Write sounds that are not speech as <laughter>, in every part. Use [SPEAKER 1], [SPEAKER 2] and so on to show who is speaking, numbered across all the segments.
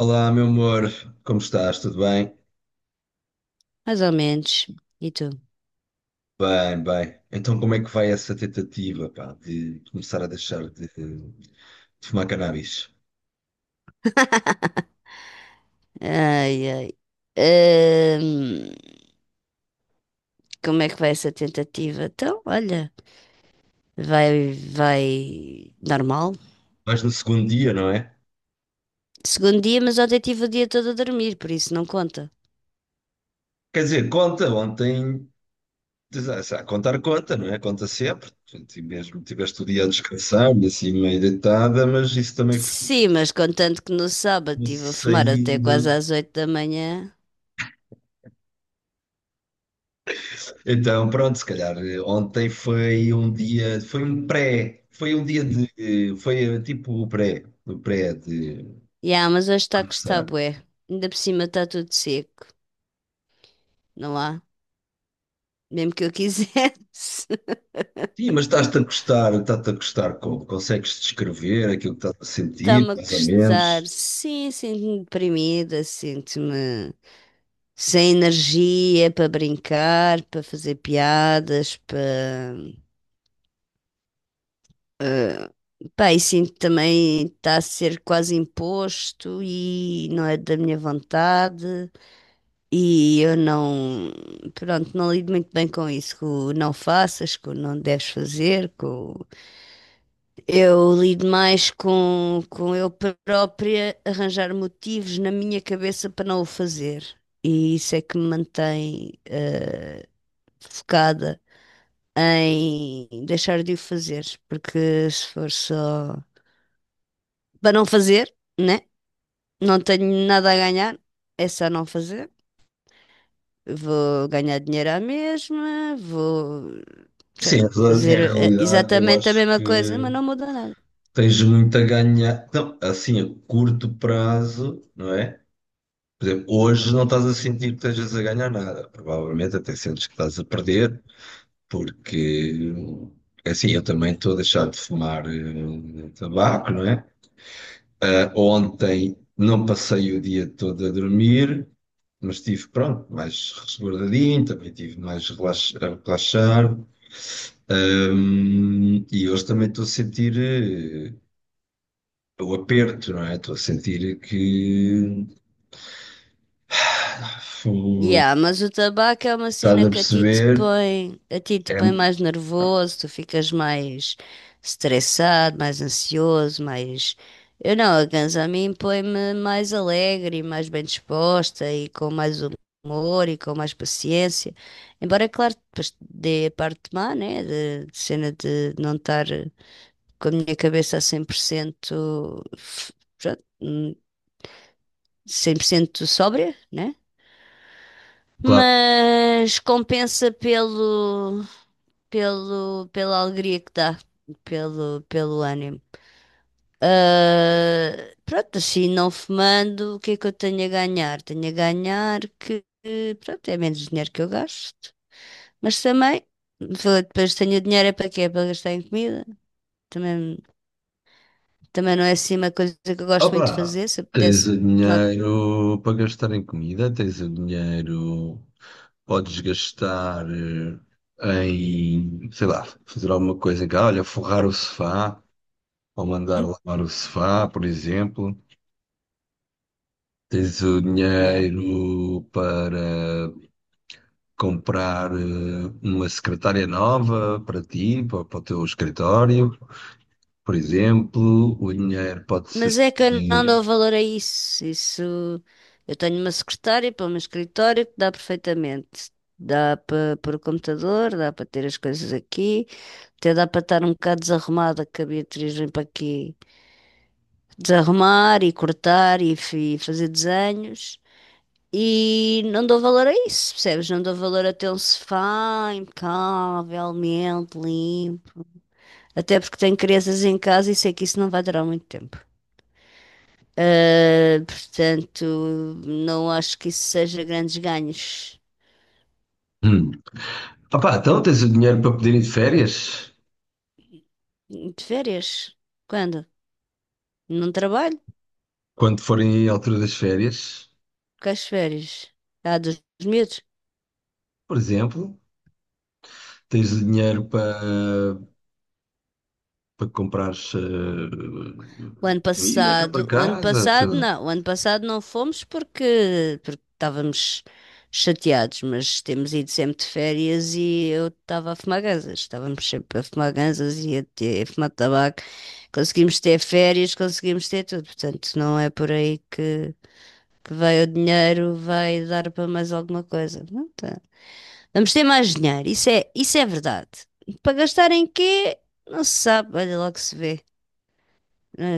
[SPEAKER 1] Olá, meu amor, como estás? Tudo bem?
[SPEAKER 2] Mais ou menos. E tu?
[SPEAKER 1] Bem, bem. Então, como é que vai essa tentativa, pá, de começar a deixar de fumar cannabis?
[SPEAKER 2] <laughs> Ai, ai. Ahm, Como é que vai essa tentativa? Então, olha, vai normal.
[SPEAKER 1] Vais no segundo dia, não é?
[SPEAKER 2] Segundo dia, mas ontem tive o dia todo a dormir, por isso não conta.
[SPEAKER 1] Quer dizer, conta, ontem, a contar conta, não é? Conta sempre. Portanto, e mesmo tiveste o dia a descansar e assim meio deitada, mas isso também ficou
[SPEAKER 2] Sim, mas contando que no sábado estive a fumar até quase
[SPEAKER 1] saindo.
[SPEAKER 2] às 8 da manhã.
[SPEAKER 1] Então, pronto, se calhar ontem foi um dia, foi um pré, foi um dia de, foi tipo o pré de
[SPEAKER 2] Ya, mas hoje está que está
[SPEAKER 1] começar.
[SPEAKER 2] bué. Ainda por cima está tudo seco, não há? Mesmo que eu quisesse. <laughs>
[SPEAKER 1] Sim, mas estás-te a gostar como? Consegues descrever aquilo que estás a sentir,
[SPEAKER 2] Está-me a
[SPEAKER 1] mais ou
[SPEAKER 2] custar.
[SPEAKER 1] menos?
[SPEAKER 2] Sim, sinto-me deprimida, sinto-me sem energia para brincar, para fazer piadas, para. Pá, e sinto também está a ser quase imposto e não é da minha vontade. E eu não. Pronto, não lido muito bem com isso, com o não faças, com o não deves fazer. Eu lido mais com eu própria arranjar motivos na minha cabeça para não o fazer. E isso é que me mantém focada em deixar de o fazer, porque se for só para não fazer, né? Não tenho nada a ganhar, é só não fazer. Vou ganhar dinheiro à mesma, vou, sei lá,
[SPEAKER 1] Sim,
[SPEAKER 2] fazer
[SPEAKER 1] em realidade, eu
[SPEAKER 2] exatamente a
[SPEAKER 1] acho
[SPEAKER 2] mesma coisa,
[SPEAKER 1] que
[SPEAKER 2] mas não muda nada.
[SPEAKER 1] tens muito a ganhar. Não, assim, a curto prazo, não é? Por exemplo, hoje não estás a sentir que estejas a ganhar nada. Provavelmente até sentes que estás a perder, porque, assim, eu também estou a deixar de fumar tabaco, não é? Ah, ontem não passei o dia todo a dormir, mas estive, pronto, mais resguardadinho, também estive mais a relaxar. E hoje também estou a sentir o aperto, não é? Estou a sentir que. <sighs> fu-
[SPEAKER 2] Yeah, mas o tabaco é uma
[SPEAKER 1] Estás
[SPEAKER 2] cena
[SPEAKER 1] a
[SPEAKER 2] que a ti te
[SPEAKER 1] perceber?
[SPEAKER 2] põe, a ti te
[SPEAKER 1] É
[SPEAKER 2] põe mais nervoso, tu ficas mais estressado, mais ansioso, mais. Eu não, a ganza a mim põe-me mais alegre e mais bem disposta e com mais humor e com mais paciência. Embora, claro, depois dê a parte má, né? De cena de não estar com a minha cabeça a 100%, pronto, 100% sóbria, né?
[SPEAKER 1] claro.
[SPEAKER 2] Mas compensa pela alegria que dá, pelo ânimo. Ah, pronto, assim, não fumando, o que é que eu tenho a ganhar? Tenho a ganhar que, pronto, é menos dinheiro que eu gasto, mas também, depois tenho o dinheiro é para quê? É para gastar em comida. Também, também, não é assim uma coisa que eu gosto muito de
[SPEAKER 1] Opa!
[SPEAKER 2] fazer, se eu
[SPEAKER 1] Tens
[SPEAKER 2] pudesse
[SPEAKER 1] o
[SPEAKER 2] tomar.
[SPEAKER 1] dinheiro para gastar em comida, tens o dinheiro, podes gastar em, sei lá, fazer alguma coisa em casa, olha, forrar o sofá, ao mandar
[SPEAKER 2] Hum.
[SPEAKER 1] lavar o sofá, por exemplo. Tens o
[SPEAKER 2] É.
[SPEAKER 1] dinheiro para comprar uma secretária nova para ti, para, para o teu escritório, por exemplo. O dinheiro pode
[SPEAKER 2] Mas é que eu não
[SPEAKER 1] servir.
[SPEAKER 2] dou valor a isso. Isso eu tenho uma secretária para o meu escritório que dá perfeitamente. Dá para pôr o computador, dá para ter as coisas aqui, até dá para estar um bocado desarrumada, que a Beatriz vem para aqui desarrumar e cortar e fazer desenhos. E não dou valor a isso, percebes? Não dou valor a ter um sofá impecavelmente limpo. Até porque tenho crianças em casa e sei que isso não vai durar muito tempo. Portanto, não acho que isso seja grandes ganhos.
[SPEAKER 1] Hum. Opá, então tens o dinheiro para poder ir de férias,
[SPEAKER 2] De férias? Quando? Não trabalho?
[SPEAKER 1] quando forem a altura das férias,
[SPEAKER 2] Com as férias? Há dos medos.
[SPEAKER 1] por exemplo. Tens o dinheiro para, para comprares comida cá para
[SPEAKER 2] O ano
[SPEAKER 1] casa, sei
[SPEAKER 2] passado
[SPEAKER 1] lá.
[SPEAKER 2] não, o ano passado não fomos porque estávamos chateados, mas temos ido sempre de férias e eu estava a fumar ganzas, estávamos sempre a fumar ganzas e a fumar tabaco, conseguimos ter férias, conseguimos ter tudo, portanto não é por aí que veio o dinheiro, vai dar para mais alguma coisa. Não tá. Vamos ter mais dinheiro, isso é verdade. Para gastar em quê? Não se sabe, olha lá que se vê.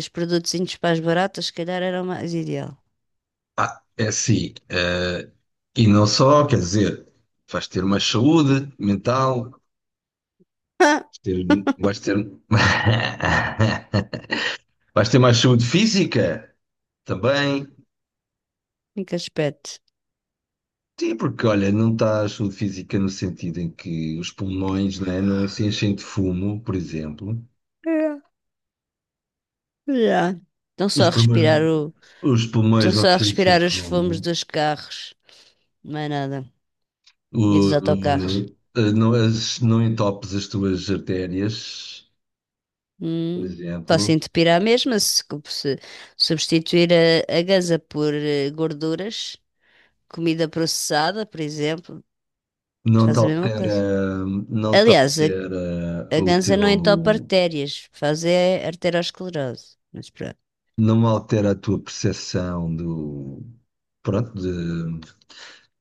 [SPEAKER 2] Os produtos para as baratas, se calhar, era o mais ideal. <laughs>
[SPEAKER 1] Ah, é assim. E não só, quer dizer, vais ter mais saúde mental,
[SPEAKER 2] Ah,
[SPEAKER 1] ter, vais ter, <laughs> vais ter mais saúde física também.
[SPEAKER 2] em que aspecto?
[SPEAKER 1] Sim, porque olha, não está a saúde física no sentido em que os pulmões, né, não se enchem de fumo, por exemplo.
[SPEAKER 2] É. Já. Estão só
[SPEAKER 1] Os
[SPEAKER 2] a
[SPEAKER 1] pulmões,
[SPEAKER 2] respirar o.
[SPEAKER 1] os
[SPEAKER 2] Estão
[SPEAKER 1] pulmões não
[SPEAKER 2] só a
[SPEAKER 1] se enchem
[SPEAKER 2] respirar
[SPEAKER 1] de
[SPEAKER 2] os
[SPEAKER 1] fumo.
[SPEAKER 2] fumos dos carros. Não é nada. E dos autocarros.
[SPEAKER 1] Não, as, não entopes as tuas artérias, por
[SPEAKER 2] Hum. Faço
[SPEAKER 1] exemplo.
[SPEAKER 2] entupir à mesma se substituir a ganza por gorduras, comida processada, por exemplo,
[SPEAKER 1] Não te
[SPEAKER 2] faz a mesma
[SPEAKER 1] altera,
[SPEAKER 2] coisa.
[SPEAKER 1] não te
[SPEAKER 2] Aliás, a,
[SPEAKER 1] altera
[SPEAKER 2] a
[SPEAKER 1] o
[SPEAKER 2] ganza não entope
[SPEAKER 1] teu,
[SPEAKER 2] artérias, faz é arteriosclerose. Mas pronto,
[SPEAKER 1] não altera a tua percepção do, pronto, de,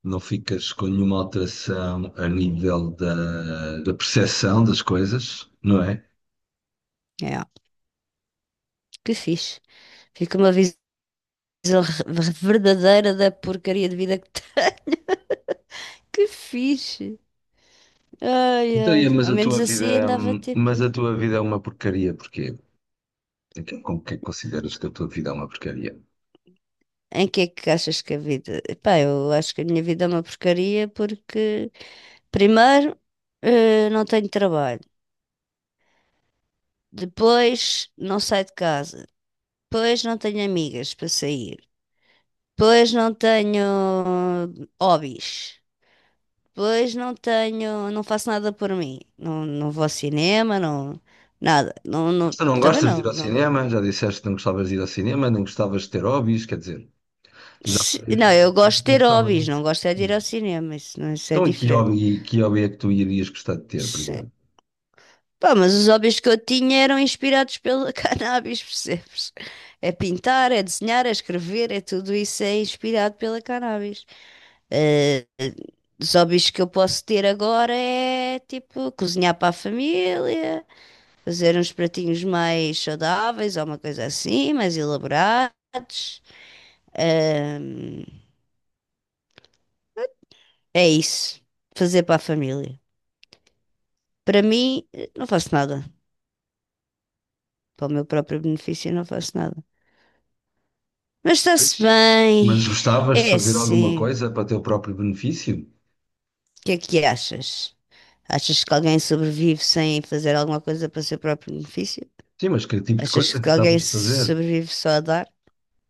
[SPEAKER 1] não ficas com nenhuma alteração a nível da, da percepção das coisas, não é?
[SPEAKER 2] é, ó, que fixe. Fica uma visão verdadeira da porcaria de vida que tá. <laughs> Que fixe. Ai,
[SPEAKER 1] Então, é,
[SPEAKER 2] ai,
[SPEAKER 1] mas
[SPEAKER 2] ao
[SPEAKER 1] a tua
[SPEAKER 2] menos assim
[SPEAKER 1] vida,
[SPEAKER 2] andava tipo.
[SPEAKER 1] mas a tua vida é uma porcaria, porquê? Então, como que é que consideras que a tua vida é uma porcaria?
[SPEAKER 2] Em que é que achas que a vida? Pá, eu acho que a minha vida é uma porcaria porque, primeiro, não tenho trabalho, depois, não saio de casa, depois, não tenho amigas para sair, pois não tenho hobbies. Pois não tenho, não faço nada por mim. Não, não vou ao cinema, não, nada. Não,
[SPEAKER 1] Mas
[SPEAKER 2] não,
[SPEAKER 1] tu não
[SPEAKER 2] também
[SPEAKER 1] gostas de
[SPEAKER 2] não,
[SPEAKER 1] ir ao
[SPEAKER 2] não.
[SPEAKER 1] cinema, já disseste que não gostavas de ir ao cinema, nem gostavas de ter hobbies, quer dizer, tu já várias
[SPEAKER 2] Não,
[SPEAKER 1] vezes
[SPEAKER 2] eu gosto
[SPEAKER 1] disseste
[SPEAKER 2] de
[SPEAKER 1] que não
[SPEAKER 2] ter
[SPEAKER 1] gostava não
[SPEAKER 2] hobbies, não
[SPEAKER 1] de.
[SPEAKER 2] gosto é de ir ao cinema, isso, não, isso é
[SPEAKER 1] Então, e que
[SPEAKER 2] diferente.
[SPEAKER 1] hobby, que hobby é que tu irias gostar de ter, por
[SPEAKER 2] Se-
[SPEAKER 1] exemplo?
[SPEAKER 2] Pá, mas os hobbies que eu tinha eram inspirados pela <laughs> cannabis, percebes? É pintar, é desenhar, é escrever, é tudo isso é inspirado pela cannabis. Ah, os hobbies que eu posso ter agora é tipo cozinhar para a família, fazer uns pratinhos mais saudáveis ou uma coisa assim, mais elaborados. Ah, é isso, fazer para a família. Para mim, não faço nada. Para o meu próprio benefício, não faço nada. Mas
[SPEAKER 1] Pois.
[SPEAKER 2] está-se bem,
[SPEAKER 1] Mas gostavas de
[SPEAKER 2] é
[SPEAKER 1] fazer alguma
[SPEAKER 2] assim.
[SPEAKER 1] coisa para teu próprio benefício?
[SPEAKER 2] O que é que achas? Achas que alguém sobrevive sem fazer alguma coisa para o seu próprio benefício?
[SPEAKER 1] Sim, mas que tipo de
[SPEAKER 2] Achas
[SPEAKER 1] coisa
[SPEAKER 2] que
[SPEAKER 1] gostavas
[SPEAKER 2] alguém
[SPEAKER 1] de fazer?
[SPEAKER 2] sobrevive só a dar?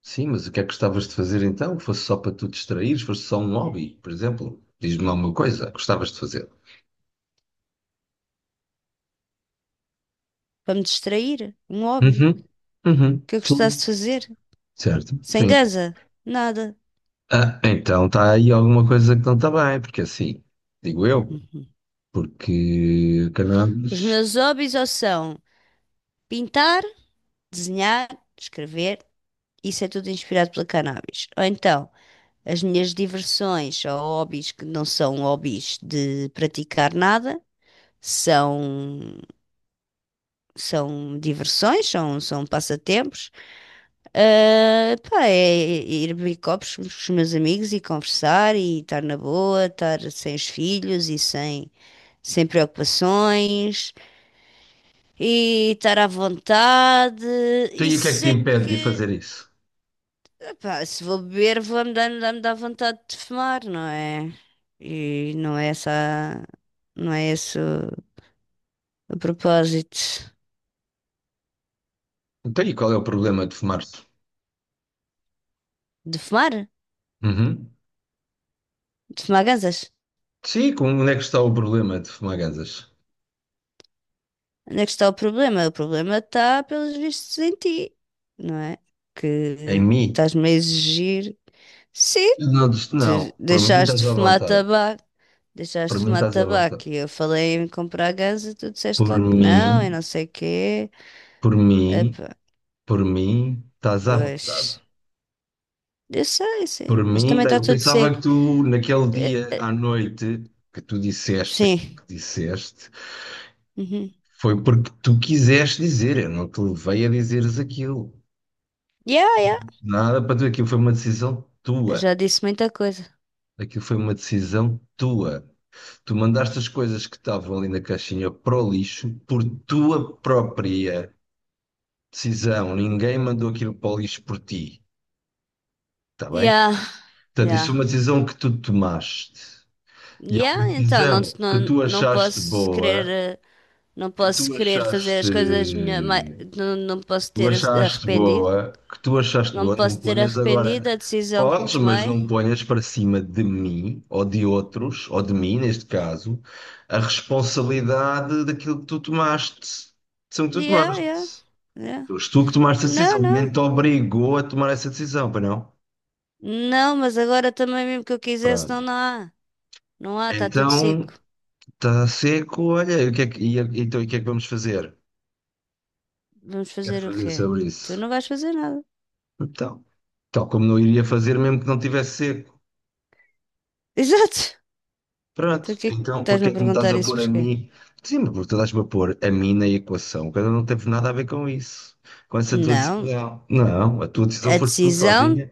[SPEAKER 1] Sim, mas o que é que gostavas de fazer então? Fosse só para tu distraíres? Fosse só um hobby, por exemplo? Diz-me lá uma coisa que gostavas de fazer.
[SPEAKER 2] Para me distrair, um hobby
[SPEAKER 1] Uhum, uhum,
[SPEAKER 2] que eu gostasse
[SPEAKER 1] sim.
[SPEAKER 2] de fazer.
[SPEAKER 1] Certo,
[SPEAKER 2] Sem
[SPEAKER 1] sim.
[SPEAKER 2] gaza, nada.
[SPEAKER 1] Ah, então está aí alguma coisa que não está bem, porque assim, digo eu, porque
[SPEAKER 2] Os
[SPEAKER 1] acabamos.
[SPEAKER 2] meus hobbies ou são pintar, desenhar, escrever, isso é tudo inspirado pela cannabis. Ou então, as minhas diversões ou hobbies que não são hobbies de praticar nada, são, são diversões, são passatempos. Ah, pá, é ir beber copos com os meus amigos e conversar e estar na boa, estar sem os filhos e sem preocupações e estar à vontade.
[SPEAKER 1] Então, e o que é que
[SPEAKER 2] Isso
[SPEAKER 1] te
[SPEAKER 2] é
[SPEAKER 1] impede de fazer
[SPEAKER 2] que,
[SPEAKER 1] isso?
[SPEAKER 2] epá, se vou beber, vou-me dando, dá-me dar vontade de fumar, não é? E não é essa, não é esse o propósito
[SPEAKER 1] Então, e qual é o problema de fumar-se?
[SPEAKER 2] de fumar,
[SPEAKER 1] Uhum.
[SPEAKER 2] de fumar ganzas.
[SPEAKER 1] Sim, onde é que está o problema de fumar gansas?
[SPEAKER 2] Onde é que está o problema? O problema está, pelos vistos, em ti, não é?
[SPEAKER 1] Em
[SPEAKER 2] Que
[SPEAKER 1] mim?
[SPEAKER 2] estás-me a exigir. Sim,
[SPEAKER 1] Não,
[SPEAKER 2] tu
[SPEAKER 1] não, por mim
[SPEAKER 2] deixaste
[SPEAKER 1] estás
[SPEAKER 2] de
[SPEAKER 1] à
[SPEAKER 2] fumar
[SPEAKER 1] vontade.
[SPEAKER 2] tabaco
[SPEAKER 1] Por
[SPEAKER 2] Deixaste de
[SPEAKER 1] mim
[SPEAKER 2] fumar
[SPEAKER 1] estás à vontade.
[SPEAKER 2] tabaco e eu falei em comprar gás e tu disseste
[SPEAKER 1] Por
[SPEAKER 2] logo que não e
[SPEAKER 1] mim,
[SPEAKER 2] não sei o quê.
[SPEAKER 1] por mim,
[SPEAKER 2] Epá,
[SPEAKER 1] por mim, estás à vontade.
[SPEAKER 2] pois. Eu sei,
[SPEAKER 1] Por
[SPEAKER 2] sei. Mas
[SPEAKER 1] mim,
[SPEAKER 2] também está
[SPEAKER 1] eu
[SPEAKER 2] tudo
[SPEAKER 1] pensava
[SPEAKER 2] seco.
[SPEAKER 1] que tu, naquele
[SPEAKER 2] Eh,
[SPEAKER 1] dia
[SPEAKER 2] eh,
[SPEAKER 1] à noite, que tu disseste,
[SPEAKER 2] Sim.
[SPEAKER 1] que disseste,
[SPEAKER 2] Uhum.
[SPEAKER 1] foi porque tu quiseste dizer, eu não te levei a dizeres aquilo.
[SPEAKER 2] Yeah, yeah.
[SPEAKER 1] Nada para tu, aquilo foi uma decisão
[SPEAKER 2] Eu
[SPEAKER 1] tua.
[SPEAKER 2] já disse muita coisa.
[SPEAKER 1] Aquilo foi uma decisão tua. Tu mandaste as coisas que estavam ali na caixinha para o lixo por tua própria decisão. Ninguém mandou aquilo para o lixo por ti, está bem?
[SPEAKER 2] Yeah,
[SPEAKER 1] Portanto, isso é uma
[SPEAKER 2] yeah.
[SPEAKER 1] decisão que tu tomaste. E é uma
[SPEAKER 2] Yeah, então não,
[SPEAKER 1] decisão que
[SPEAKER 2] não,
[SPEAKER 1] tu
[SPEAKER 2] não
[SPEAKER 1] achaste
[SPEAKER 2] posso querer.
[SPEAKER 1] boa,
[SPEAKER 2] Não
[SPEAKER 1] que tu
[SPEAKER 2] posso querer fazer
[SPEAKER 1] achaste
[SPEAKER 2] as coisas melhor. Não, não posso ter arrependido. Não me
[SPEAKER 1] não
[SPEAKER 2] posso ter
[SPEAKER 1] ponhas agora.
[SPEAKER 2] arrependido da decisão que
[SPEAKER 1] Podes, mas
[SPEAKER 2] tomei.
[SPEAKER 1] não ponhas para cima de mim, ou de outros, ou de mim, neste caso, a responsabilidade daquilo que tu tomaste, são que tu
[SPEAKER 2] Yeah, yeah.
[SPEAKER 1] tomaste.
[SPEAKER 2] Yeah.
[SPEAKER 1] Foste tu que tomaste a
[SPEAKER 2] Não,
[SPEAKER 1] decisão. Ninguém
[SPEAKER 2] não.
[SPEAKER 1] te obrigou a tomar essa decisão, para não?
[SPEAKER 2] Não, mas agora também mesmo que eu quisesse, não,
[SPEAKER 1] Pronto.
[SPEAKER 2] não há. Não há, está tudo
[SPEAKER 1] Então,
[SPEAKER 2] seco.
[SPEAKER 1] está seco, olha, e o que é que, e, então, e o que é que vamos fazer?
[SPEAKER 2] Vamos
[SPEAKER 1] Quero
[SPEAKER 2] fazer o
[SPEAKER 1] fazer
[SPEAKER 2] quê?
[SPEAKER 1] sobre
[SPEAKER 2] Tu
[SPEAKER 1] isso.
[SPEAKER 2] não vais fazer nada.
[SPEAKER 1] Então, tal como não iria fazer mesmo que não tivesse seco.
[SPEAKER 2] <laughs> Exato. Tu o
[SPEAKER 1] Pronto,
[SPEAKER 2] que é que
[SPEAKER 1] então
[SPEAKER 2] estás-me
[SPEAKER 1] porque é
[SPEAKER 2] a
[SPEAKER 1] que me estás
[SPEAKER 2] perguntar
[SPEAKER 1] a
[SPEAKER 2] isso
[SPEAKER 1] pôr a
[SPEAKER 2] porquê?
[SPEAKER 1] mim? Sim, porque tu estás-me a pôr a mim na equação, quando eu não teve nada a ver com isso, com essa tua
[SPEAKER 2] Não,
[SPEAKER 1] decisão. Não, a tua decisão
[SPEAKER 2] a
[SPEAKER 1] foi tu
[SPEAKER 2] decisão,
[SPEAKER 1] sozinha,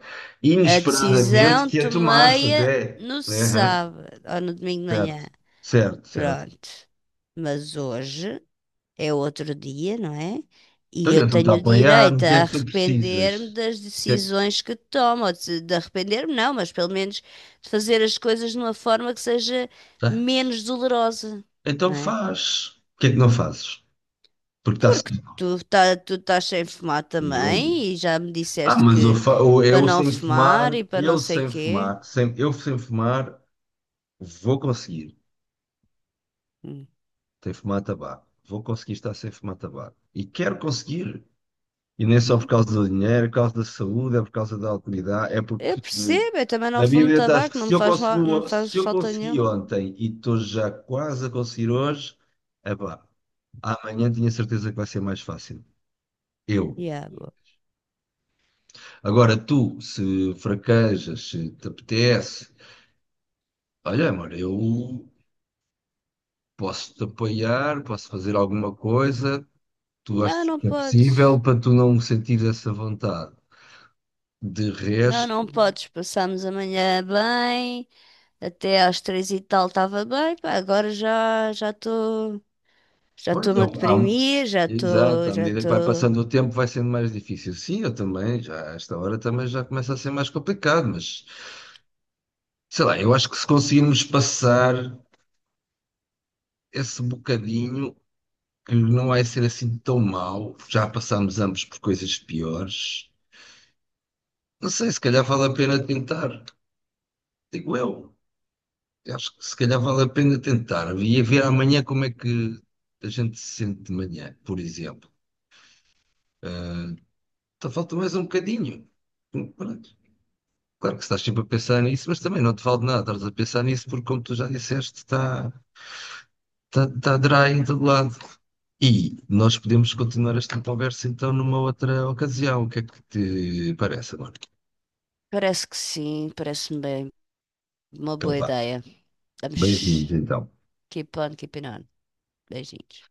[SPEAKER 2] a
[SPEAKER 1] inesperadamente,
[SPEAKER 2] decisão
[SPEAKER 1] que a tomaste
[SPEAKER 2] tomei-a
[SPEAKER 1] até.
[SPEAKER 2] no
[SPEAKER 1] Aham,
[SPEAKER 2] sábado ou no domingo de
[SPEAKER 1] certo,
[SPEAKER 2] manhã.
[SPEAKER 1] certo, certo.
[SPEAKER 2] Pronto. Mas hoje é outro dia, não é? E
[SPEAKER 1] Então
[SPEAKER 2] eu
[SPEAKER 1] eu estou-te a
[SPEAKER 2] tenho
[SPEAKER 1] apoiar, o
[SPEAKER 2] direito
[SPEAKER 1] que é
[SPEAKER 2] a
[SPEAKER 1] que tu precisas?
[SPEAKER 2] arrepender-me
[SPEAKER 1] O
[SPEAKER 2] das
[SPEAKER 1] que é que
[SPEAKER 2] decisões que tomo, ou de, arrepender-me não, mas pelo menos de fazer as coisas de uma forma que seja
[SPEAKER 1] tens?
[SPEAKER 2] menos dolorosa,
[SPEAKER 1] Então
[SPEAKER 2] não é?
[SPEAKER 1] faz. O que é que não fazes? Porque está
[SPEAKER 2] Porque
[SPEAKER 1] certo.
[SPEAKER 2] tu, tá, tu estás sem fumar
[SPEAKER 1] Eu.
[SPEAKER 2] também e já me
[SPEAKER 1] Ah,
[SPEAKER 2] disseste
[SPEAKER 1] mas eu,
[SPEAKER 2] que
[SPEAKER 1] eu
[SPEAKER 2] para
[SPEAKER 1] eu
[SPEAKER 2] não
[SPEAKER 1] sem
[SPEAKER 2] fumar e
[SPEAKER 1] fumar,
[SPEAKER 2] para não
[SPEAKER 1] eu
[SPEAKER 2] sei
[SPEAKER 1] sem
[SPEAKER 2] quê.
[SPEAKER 1] fumar, sem, eu sem fumar. Vou conseguir
[SPEAKER 2] Hum,
[SPEAKER 1] sem fumar tabaco. Vou conseguir estar sem fumar tabaco. E quero conseguir. E nem só por
[SPEAKER 2] pronto.
[SPEAKER 1] causa do dinheiro, é por causa da saúde, é por causa da autoridade, é
[SPEAKER 2] Eu
[SPEAKER 1] porque
[SPEAKER 2] percebo, eu também não
[SPEAKER 1] na
[SPEAKER 2] fumo
[SPEAKER 1] Bíblia acho que
[SPEAKER 2] tabaco, não
[SPEAKER 1] se
[SPEAKER 2] me
[SPEAKER 1] eu
[SPEAKER 2] faz mal, não me
[SPEAKER 1] consegui,
[SPEAKER 2] faz
[SPEAKER 1] se eu
[SPEAKER 2] falta
[SPEAKER 1] consegui
[SPEAKER 2] nenhuma.
[SPEAKER 1] ontem e estou já quase a conseguir hoje, epá, amanhã tinha certeza que vai ser mais fácil. Eu.
[SPEAKER 2] Yeah, boa.
[SPEAKER 1] Agora tu, se fraquejas, se te apetece, olha, amor, eu posso te apoiar, posso fazer alguma coisa, tu
[SPEAKER 2] Não,
[SPEAKER 1] achas
[SPEAKER 2] não
[SPEAKER 1] que é
[SPEAKER 2] podes.
[SPEAKER 1] possível para tu não sentir essa vontade. De
[SPEAKER 2] Não,
[SPEAKER 1] resto,
[SPEAKER 2] não podes. Passámos amanhã bem, até às 3 e tal estava bem, pá, agora já
[SPEAKER 1] pois,
[SPEAKER 2] estou-me a deprimir, já
[SPEAKER 1] exato,
[SPEAKER 2] estou
[SPEAKER 1] à
[SPEAKER 2] já
[SPEAKER 1] medida que vai
[SPEAKER 2] estou.
[SPEAKER 1] passando o tempo vai sendo mais difícil. Sim, eu também, já, a esta hora também já começa a ser mais complicado, mas sei lá, eu acho que se conseguirmos passar esse bocadinho, que não vai ser assim tão mau, já passámos ambos por coisas piores, não sei, se calhar vale a pena tentar, digo eu. Eu acho que se calhar vale a pena tentar. Ia ver amanhã como é que a gente se sente de manhã, por exemplo. Então falta mais um bocadinho. Pronto. Claro que estás sempre a pensar nisso, mas também não te vale de nada. Estás a pensar nisso porque, como tu já disseste, está tá dry em todo lado. E nós podemos continuar esta conversa então numa outra ocasião. O que é que te parece agora?
[SPEAKER 2] Parece que sim, parece-me bem, uma
[SPEAKER 1] Então
[SPEAKER 2] boa
[SPEAKER 1] vá.
[SPEAKER 2] ideia.
[SPEAKER 1] Beijinhos
[SPEAKER 2] Vamos
[SPEAKER 1] então.
[SPEAKER 2] keep on keeping on. Beijinhos.